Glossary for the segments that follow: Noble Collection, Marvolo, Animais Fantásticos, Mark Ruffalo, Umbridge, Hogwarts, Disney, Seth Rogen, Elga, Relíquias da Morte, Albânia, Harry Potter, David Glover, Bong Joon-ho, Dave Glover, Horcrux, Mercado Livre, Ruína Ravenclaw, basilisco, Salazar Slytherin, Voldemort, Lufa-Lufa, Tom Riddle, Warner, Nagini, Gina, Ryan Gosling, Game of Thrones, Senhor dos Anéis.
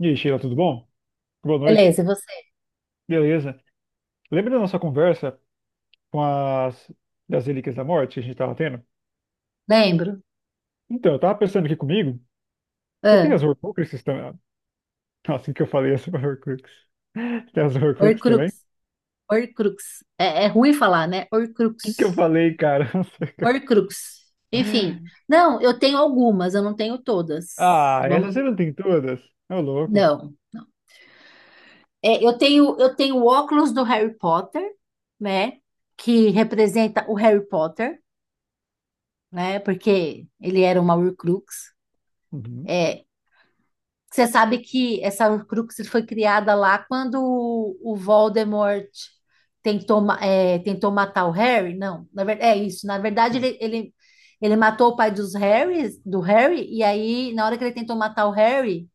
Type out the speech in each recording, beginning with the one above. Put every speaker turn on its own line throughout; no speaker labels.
E aí, Sheila, tudo bom? Boa noite.
Beleza, e você?
Beleza. Lembra da nossa conversa com as das Relíquias da Morte que a gente estava tendo?
Lembro.
Então, eu tava pensando aqui comigo, você tem
Ah,
as Horcruxes também? Nossa, o que eu falei as Horcrux? Tem as Horcruxes também? O
Horcrux. Horcrux. É ruim falar, né?
que que eu
Horcrux.
falei, cara? Não sei
Horcrux. Enfim. Não, eu tenho algumas, eu não tenho todas.
Ah, essas
Vamos
você
lá.
não tem todas? É louco.
Não. É, eu tenho o óculos do Harry Potter, né? Que representa o Harry Potter, né? Porque ele era uma Horcrux.
Uhum.
É. Você sabe que essa Horcrux foi criada lá quando o Voldemort tentou matar o Harry? Não, é isso. Na verdade,
Sim,
ele matou o pai dos Harrys, do Harry, e aí, na hora que ele tentou matar o Harry,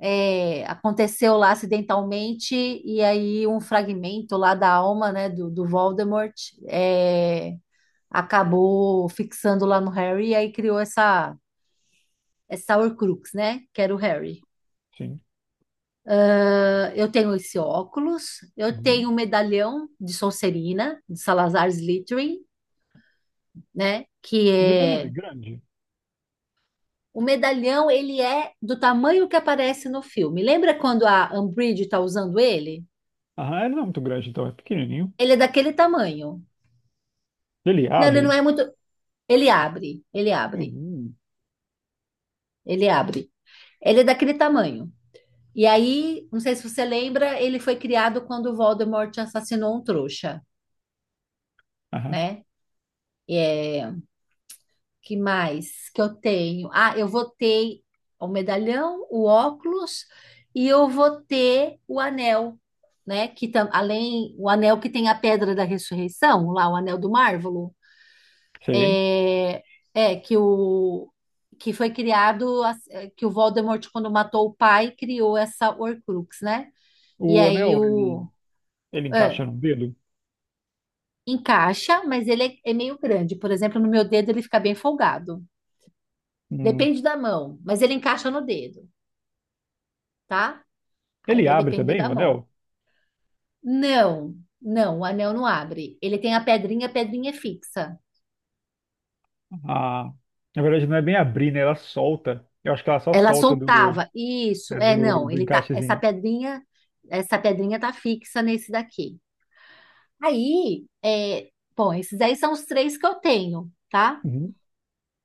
aconteceu lá acidentalmente, e aí um fragmento lá da alma, né, do Voldemort, é, acabou fixando lá no Harry, e aí criou essa Horcrux, né, que era o Harry.
sim.
Ah, eu tenho esse óculos, eu
Uhum.
tenho um medalhão de Sonserina, de Salazar Slytherin, né? Que
O medalhão é
é
grande?
o medalhão, ele é do tamanho que aparece no filme. Lembra quando a Umbridge está usando ele?
Aham, ele não é muito grande, então, é pequenininho.
Ele é daquele tamanho.
Ele
Não, ele não é
abre?
muito. Ele abre, ele abre,
Uhum.
ele abre. Ele é daquele tamanho. E aí, não sei se você lembra, ele foi criado quando o Voldemort assassinou um trouxa,
Aham,
né? é Que mais que eu tenho? Ah, eu votei o medalhão, o óculos e eu votei o anel, né? Além o anel que tem a pedra da ressurreição, lá o anel do Marvolo,
sei.
é, é que o que foi criado que o Voldemort, quando matou o pai, criou essa Horcrux, né? E
O
aí
anel, ele.
o
Ele
é,
encaixa no dedo.
Encaixa, mas ele é meio grande. Por exemplo, no meu dedo ele fica bem folgado.
Hum.
Depende da mão, mas ele encaixa no dedo. Tá? Aí
Ele
vai
abre
depender
também
da
o
mão.
anel?
Não, não, o anel não abre. Ele tem a pedrinha é fixa.
Ah, na verdade, não é bem abrir, né? Ela solta. Eu acho que ela só
Ela
solta do,
soltava. Isso,
é do,
não,
do
essa
encaixezinho.
pedrinha, essa pedrinha tá fixa nesse daqui. Aí, bom, esses aí são os três que eu tenho, tá?
Uhum.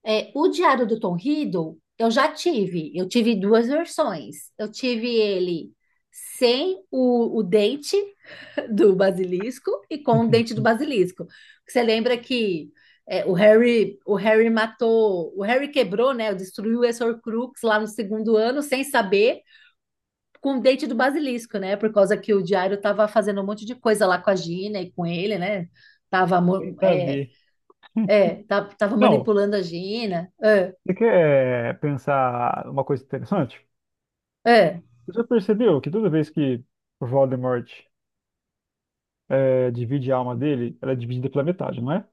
É, o Diário do Tom Riddle, eu já tive. Eu tive duas versões. Eu tive ele sem o dente, do basilisco e com o dente do basilisco. Você lembra que o Harry matou, o Harry quebrou, né? Destruiu o Horcrux lá no segundo ano sem saber, com o dente do basilisco, né? Por causa que o Diário tava fazendo um monte de coisa lá com a Gina e com ele, né? Tava, mo-
Bem
é,
saber.
é, tá- tava
Não,
manipulando a Gina.
você quer pensar uma coisa interessante?
É,
Você já percebeu que toda vez que o Voldemort divide a alma dele, ela é dividida pela metade, não é?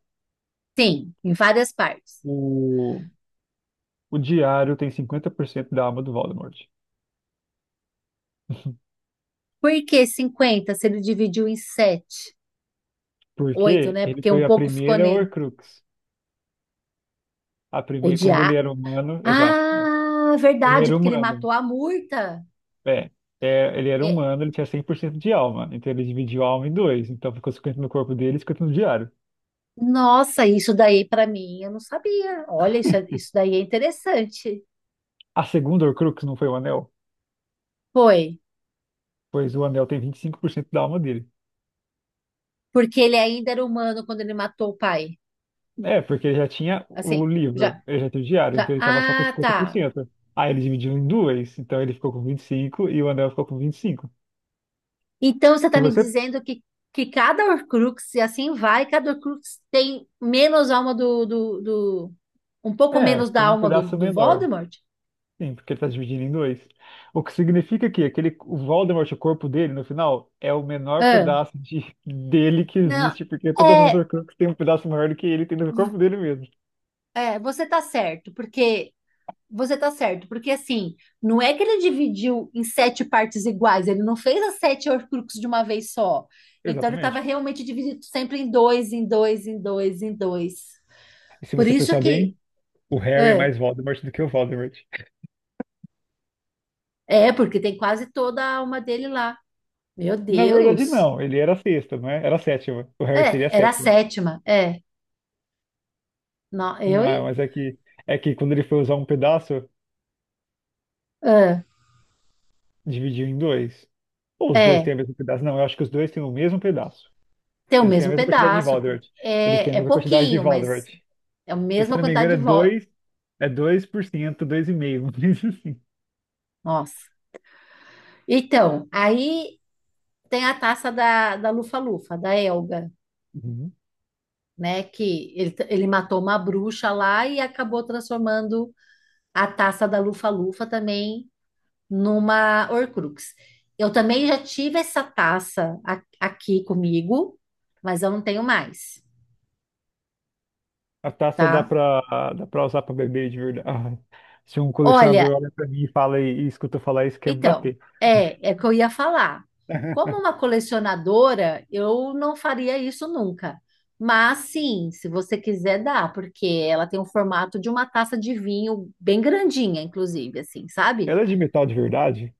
sim, em várias partes.
O, o diário tem 50% da alma do Voldemort.
Por que 50 se ele dividiu em 7, 8,
Porque
né?
ele
Porque um
foi a
pouco ficou
primeira
nele.
Horcrux. A
O,
primeira, quando ele era humano, exato. É.
Ah,
Ele
verdade,
era
porque ele
humano.
matou a Murta.
É, ele era
É,
humano, ele tinha 100% de alma. Então ele dividiu a alma em dois. Então ficou 50 no corpo dele e 50 no diário.
nossa, isso daí para mim eu não sabia. Olha, isso, isso daí é interessante.
A segunda Horcrux não foi o anel?
Foi,
Pois o anel tem 25% da alma dele.
porque ele ainda era humano quando ele matou o pai.
É, porque ele já tinha o
Assim, já,
livro, ele já tinha o diário,
já.
então ele tava só com
Ah,
cinquenta por
tá.
cento. Aí ele dividiu em duas, então ele ficou com 25 e o anel ficou com 25.
Então, você está
Se
me
você.
dizendo que, cada Horcrux, e assim vai, cada Horcrux tem menos alma um pouco
É,
menos da
tem um
alma do,
pedaço
do
menor.
Voldemort?
Sim, porque ele tá dividindo em dois. O que significa que aquele, o Voldemort, o corpo dele, no final, é o menor
Ah,
pedaço de, dele que
não.
existe, porque todas as
É,
Horcruxes têm um pedaço maior do que ele tem no corpo dele mesmo.
Você tá certo, porque você tá certo, porque assim, não é que ele dividiu em sete partes iguais, ele não fez as sete Horcruxes de uma vez só. Então, ele estava
Exatamente.
realmente dividido sempre em dois, em dois, em dois, em dois.
E se
Por
você
isso
pensar bem,
que
o Harry é
é,
mais Voldemort do que o Voldemort.
porque tem quase toda a alma dele lá. Meu
Na verdade,
Deus.
não. Ele era a sexta, não é? Era a sétima. O Harry seria a
É, era a
sétima.
sétima. É, não, eu
Não,
e
mas é que quando ele foi usar um pedaço,
é,
dividiu em dois. Ou os dois
é,
têm o mesmo pedaço? Não, eu acho que os dois têm o mesmo pedaço.
Tem o
Eles têm a
mesmo
mesma quantidade de
pedaço, porque
Voldemort. Eles têm a
é
mesma quantidade de
pouquinho,
Voldemort.
mas é a
E, se eu
mesma
não me
quantidade
engano,
de
é
votos.
2, é 2%, 2,5%, mas assim.
Nossa. Então, aí tem a taça da Lufa-Lufa, da Elga,
Uhum.
né? Que ele matou uma bruxa lá e acabou transformando a taça da Lufa-Lufa também numa Horcrux. Eu também já tive essa taça aqui comigo, mas eu não tenho mais,
A taça
tá?
dá pra usar pra beber de verdade. Ah, se um
Olha,
colecionador olha pra mim e fala e escuta eu falar isso, quer me
então,
bater.
é que eu ia falar. Como uma colecionadora, eu não faria isso nunca. Mas sim, se você quiser dá, porque ela tem o formato de uma taça de vinho bem grandinha, inclusive, assim, sabe?
Ela é de metal de verdade?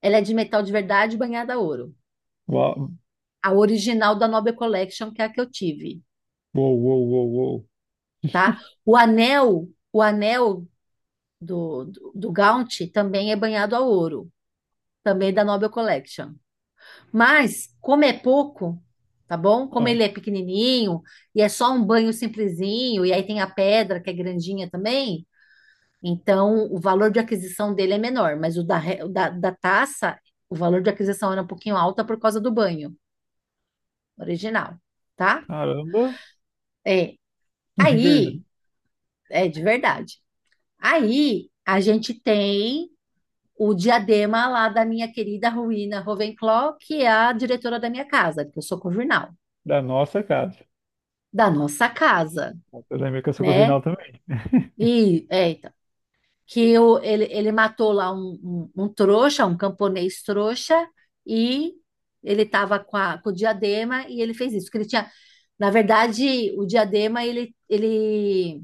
Ela é de metal de verdade, banhada a ouro.
Uau,
A original da Nobel Collection, que é a que eu tive,
uou, uou, uou, uou.
tá? O anel do Gaunt também é banhado a ouro, também da Nobel Collection. Mas, como é pouco, tá bom? Como
Ah,
ele é pequenininho e é só um banho simplesinho, e aí tem a pedra que é grandinha também, então o valor de aquisição dele é menor, mas o da taça, o valor de aquisição era um pouquinho alta por causa do banho original, tá?
caramba,
É.
de
Aí,
verdade.
é de verdade. Aí a gente tem o diadema lá da minha querida Ruína Ravenclaw, que é a diretora da minha casa, que eu sou conjunal,
Da nossa casa.
da nossa casa.
Eu lembro que eu sou
Né?
corvinal também.
E que o ele matou lá um trouxa, um camponês trouxa, e ele estava com o diadema e ele fez isso. Que ele tinha, na verdade, o diadema ele, ele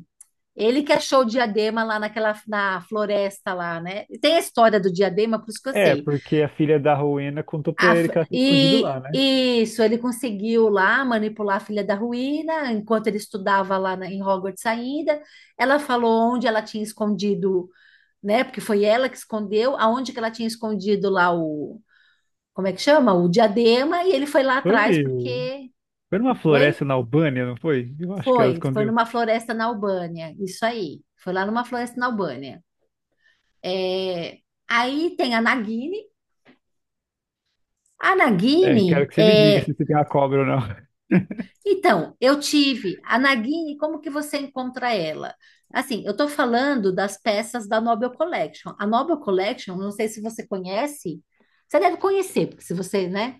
ele que achou o diadema lá naquela na floresta lá, né? E tem a história do diadema, por isso que eu
É,
sei.
porque a filha da Rowena contou pra ele que ela tinha escondido
E
lá, né?
isso, ele conseguiu lá manipular a filha da ruína, enquanto ele estudava lá em Hogwarts ainda. Ela falou onde ela tinha escondido, né? Porque foi ela que escondeu, aonde que ela tinha escondido lá o, como é que chama? O diadema, e ele foi lá
Foi,
atrás porque,
foi numa
oi?
floresta na Albânia, não foi? Eu acho que
Foi,
ela
foi
escondeu.
numa floresta na Albânia, isso aí. Foi lá numa floresta na Albânia. É, aí tem a Nagini. A
É, quero
Nagini,
que você me diga
é,
se você tem uma cobra ou não.
Então, eu tive a Nagini, como que você encontra ela? Assim, eu estou falando das peças da Nobel Collection. A Nobel Collection, não sei se você conhece, você deve conhecer, porque se você, né?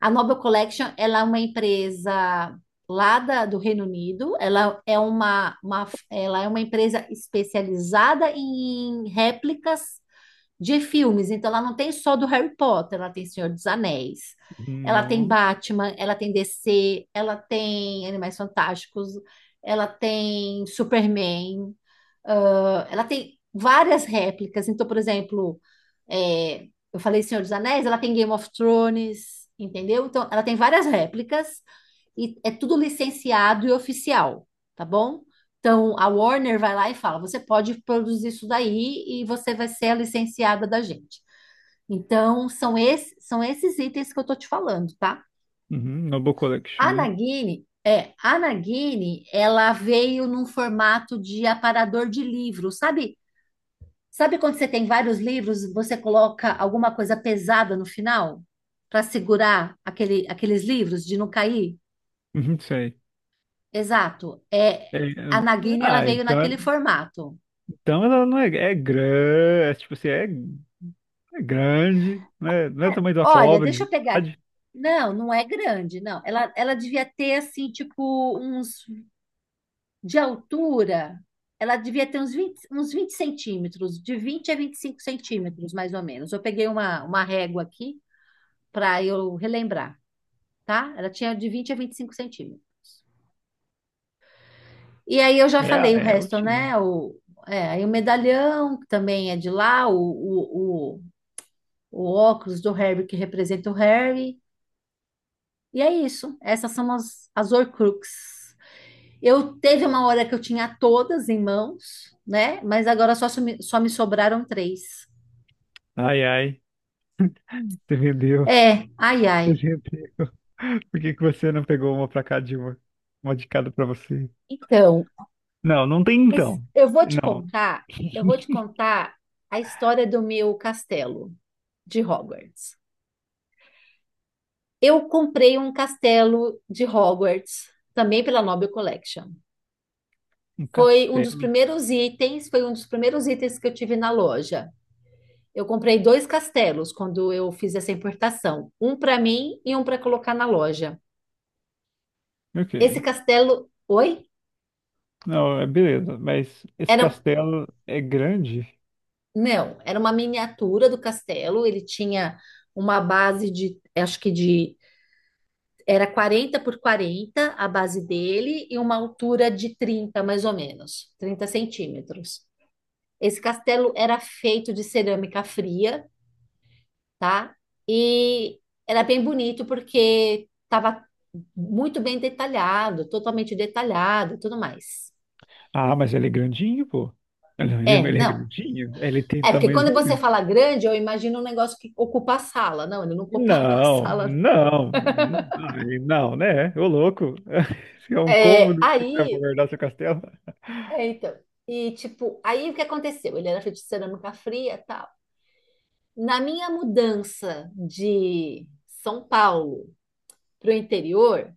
A Nobel Collection, ela é uma empresa do Reino Unido, ela é uma empresa especializada em réplicas de filmes. Então, ela não tem só do Harry Potter, ela tem Senhor dos Anéis, ela tem
No,
Batman, ela tem DC, ela tem Animais Fantásticos, ela tem Superman, ah, ela tem várias réplicas. Então, por exemplo, é, eu falei Senhor dos Anéis, ela tem Game of Thrones, entendeu? Então, ela tem várias réplicas e é tudo licenciado e oficial, tá bom? Então, a Warner vai lá e fala: você pode produzir isso daí e você vai ser a licenciada da gente. Então, são esses itens que eu tô te falando, tá?
uhum, Noble Collection,
A
né?
Nagini, é, a Nagini, ela veio num formato de aparador de livro, sabe? Sabe quando você tem vários livros, e você coloca alguma coisa pesada no final para segurar aqueles livros de não cair?
Uhum, sei.
Exato. É,
É, é,
a Nagini, ela
ah,
veio
então,
naquele formato.
então ela não é, é grande, é, tipo assim, é, é grande, né? Não é do tamanho de uma
Olha,
cobra, de
deixa eu pegar aqui.
verdade.
Não, não é grande, não. Ela devia ter assim, tipo, uns de altura, ela devia ter uns 20, centímetros, de 20 a 25 centímetros, mais ou menos. Eu peguei uma régua aqui para eu relembrar, tá? Ela tinha de 20 a 25 centímetros. E aí eu já
É,
falei o
é
resto,
altinho.
né? Aí o medalhão, que também é de lá, o óculos do Harry, que representa o Harry. E é isso. Essas são as Horcruxes. Eu teve uma hora que eu tinha todas em mãos, né? Mas agora só me sobraram três.
Ai, ai, você vendeu.
É, ai,
Você
ai.
vendeu. Por que que você não pegou uma pra cada de uma? Uma de cada pra você?
Então,
Não, não tem
mas
então.
eu vou te
Não.
contar, eu vou te contar a história do meu castelo de Hogwarts. Eu comprei um castelo de Hogwarts também pela Noble Collection.
Um
Foi um dos
castelo.
primeiros itens, foi um dos primeiros itens que eu tive na loja. Eu comprei dois castelos quando eu fiz essa importação, um para mim e um para colocar na loja. Esse
Ok.
castelo, oi?
Não, é beleza. Mas esse
Eram
castelo é grande?
Não, era uma miniatura do castelo. Ele tinha uma base de, acho que de, era 40 por 40 a base dele e uma altura de 30, mais ou menos, 30 centímetros. Esse castelo era feito de cerâmica fria, tá? E era bem bonito porque estava muito bem detalhado, totalmente detalhado, e tudo mais.
Ah, mas ele é grandinho, pô. Ele, ele
É,
ele é
não.
grandinho? Ele tem
É porque quando você
tamanhozinho?
fala grande, eu imagino um negócio que ocupa a sala. Não, ele não ocupava a
Não,
sala.
não. Ai, não, né? Ô louco. É um
É,
cômodo que você vai
aí,
guardar seu castelo.
então, e tipo, aí o que aconteceu? Ele era feito de cerâmica fria e tal. Na minha mudança de São Paulo para o interior,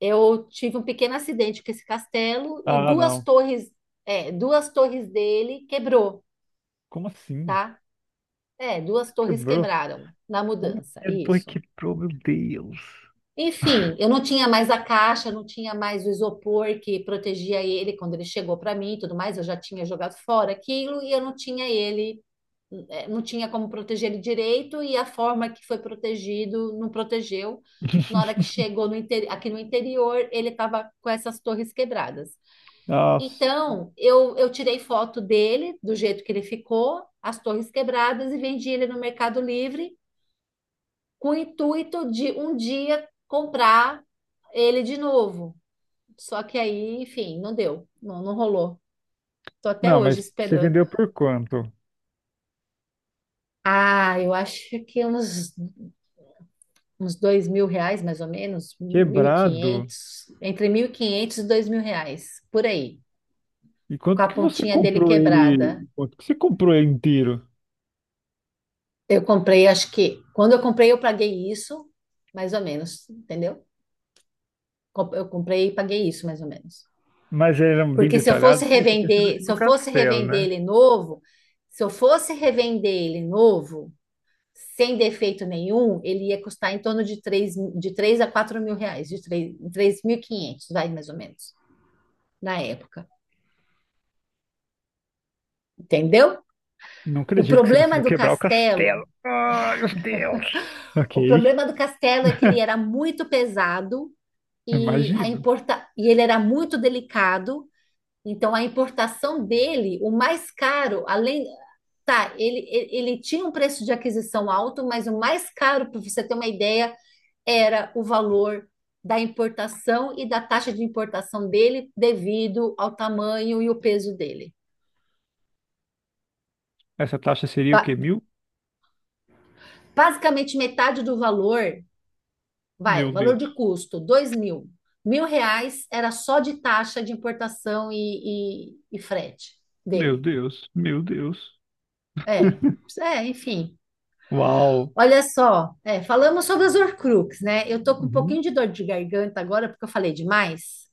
eu tive um pequeno acidente com esse castelo e
Ah,
duas
não.
torres, duas torres dele quebrou,
Como assim?
tá? É, duas torres
Quebrou?
quebraram na
Como
mudança,
que a torre
isso.
quebrou, meu Deus?
Enfim, eu não tinha mais a caixa, não tinha mais o isopor que protegia ele quando ele chegou para mim e tudo mais. Eu já tinha jogado fora aquilo e eu não tinha ele, não tinha como proteger ele direito. E a forma que foi protegido não protegeu. Na hora que chegou aqui no interior, ele estava com essas torres quebradas.
Nossa.
Então, eu tirei foto dele, do jeito que ele ficou, as torres quebradas, e vendi ele no Mercado Livre com o intuito de um dia comprar ele de novo. Só que aí, enfim, não deu, não, não rolou. Tô até
Não,
hoje
mas você
esperando.
vendeu por quanto?
Ah, eu acho que uns, 2.000 reais, mais ou menos, mil e
Quebrado?
quinhentos, entre mil e quinhentos e dois mil reais, por aí,
E
com
quanto
a
que você
pontinha dele
comprou
quebrada.
ele? Quanto que você comprou ele inteiro?
Eu comprei, acho que, quando eu comprei, eu paguei isso, mais ou menos, entendeu? Eu comprei e paguei isso, mais ou menos.
Mas ele era bem
Porque se eu
detalhado?
fosse
Sim, eu tô pensando
revender,
assim no castelo, né?
se eu fosse revender ele novo, sem defeito nenhum, ele ia custar em torno de três, a 4.000 reais, de 3, quinhentos, vai, mais ou menos, na época, entendeu?
Não
O
acredito que você
problema
conseguiu
do
quebrar o
Castelo,
castelo. Ai, meu Deus!
o
Ok,
problema do Castelo é que ele era muito pesado e,
imagino.
e ele era muito delicado, então a importação dele, o mais caro, além, tá, ele tinha um preço de aquisição alto, mas o mais caro, para você ter uma ideia, era o valor da importação e da taxa de importação dele devido ao tamanho e o peso dele.
Essa taxa seria o quê?
Ba-
Mil?
Basicamente, metade do valor, vai, o
Meu
valor de
Deus,
custo, 2.000. 1.000 reais era só de taxa de importação e, e frete
meu
dele.
Deus, meu Deus.
É, enfim.
Uau!
Olha só, falamos sobre as Horcrux, né? Eu tô com um
Uhum.
pouquinho de dor de garganta agora porque eu falei demais.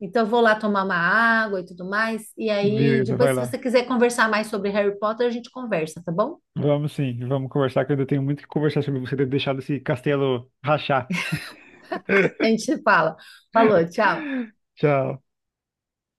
Então eu vou lá tomar uma água e tudo mais. E aí,
Beleza,
depois,
vai
se você
lá.
quiser conversar mais sobre Harry Potter, a gente conversa, tá bom?
Vamos sim, vamos conversar, que eu ainda tenho muito que conversar sobre você ter deixado esse castelo rachar.
A gente fala. Falou, tchau.
Tchau.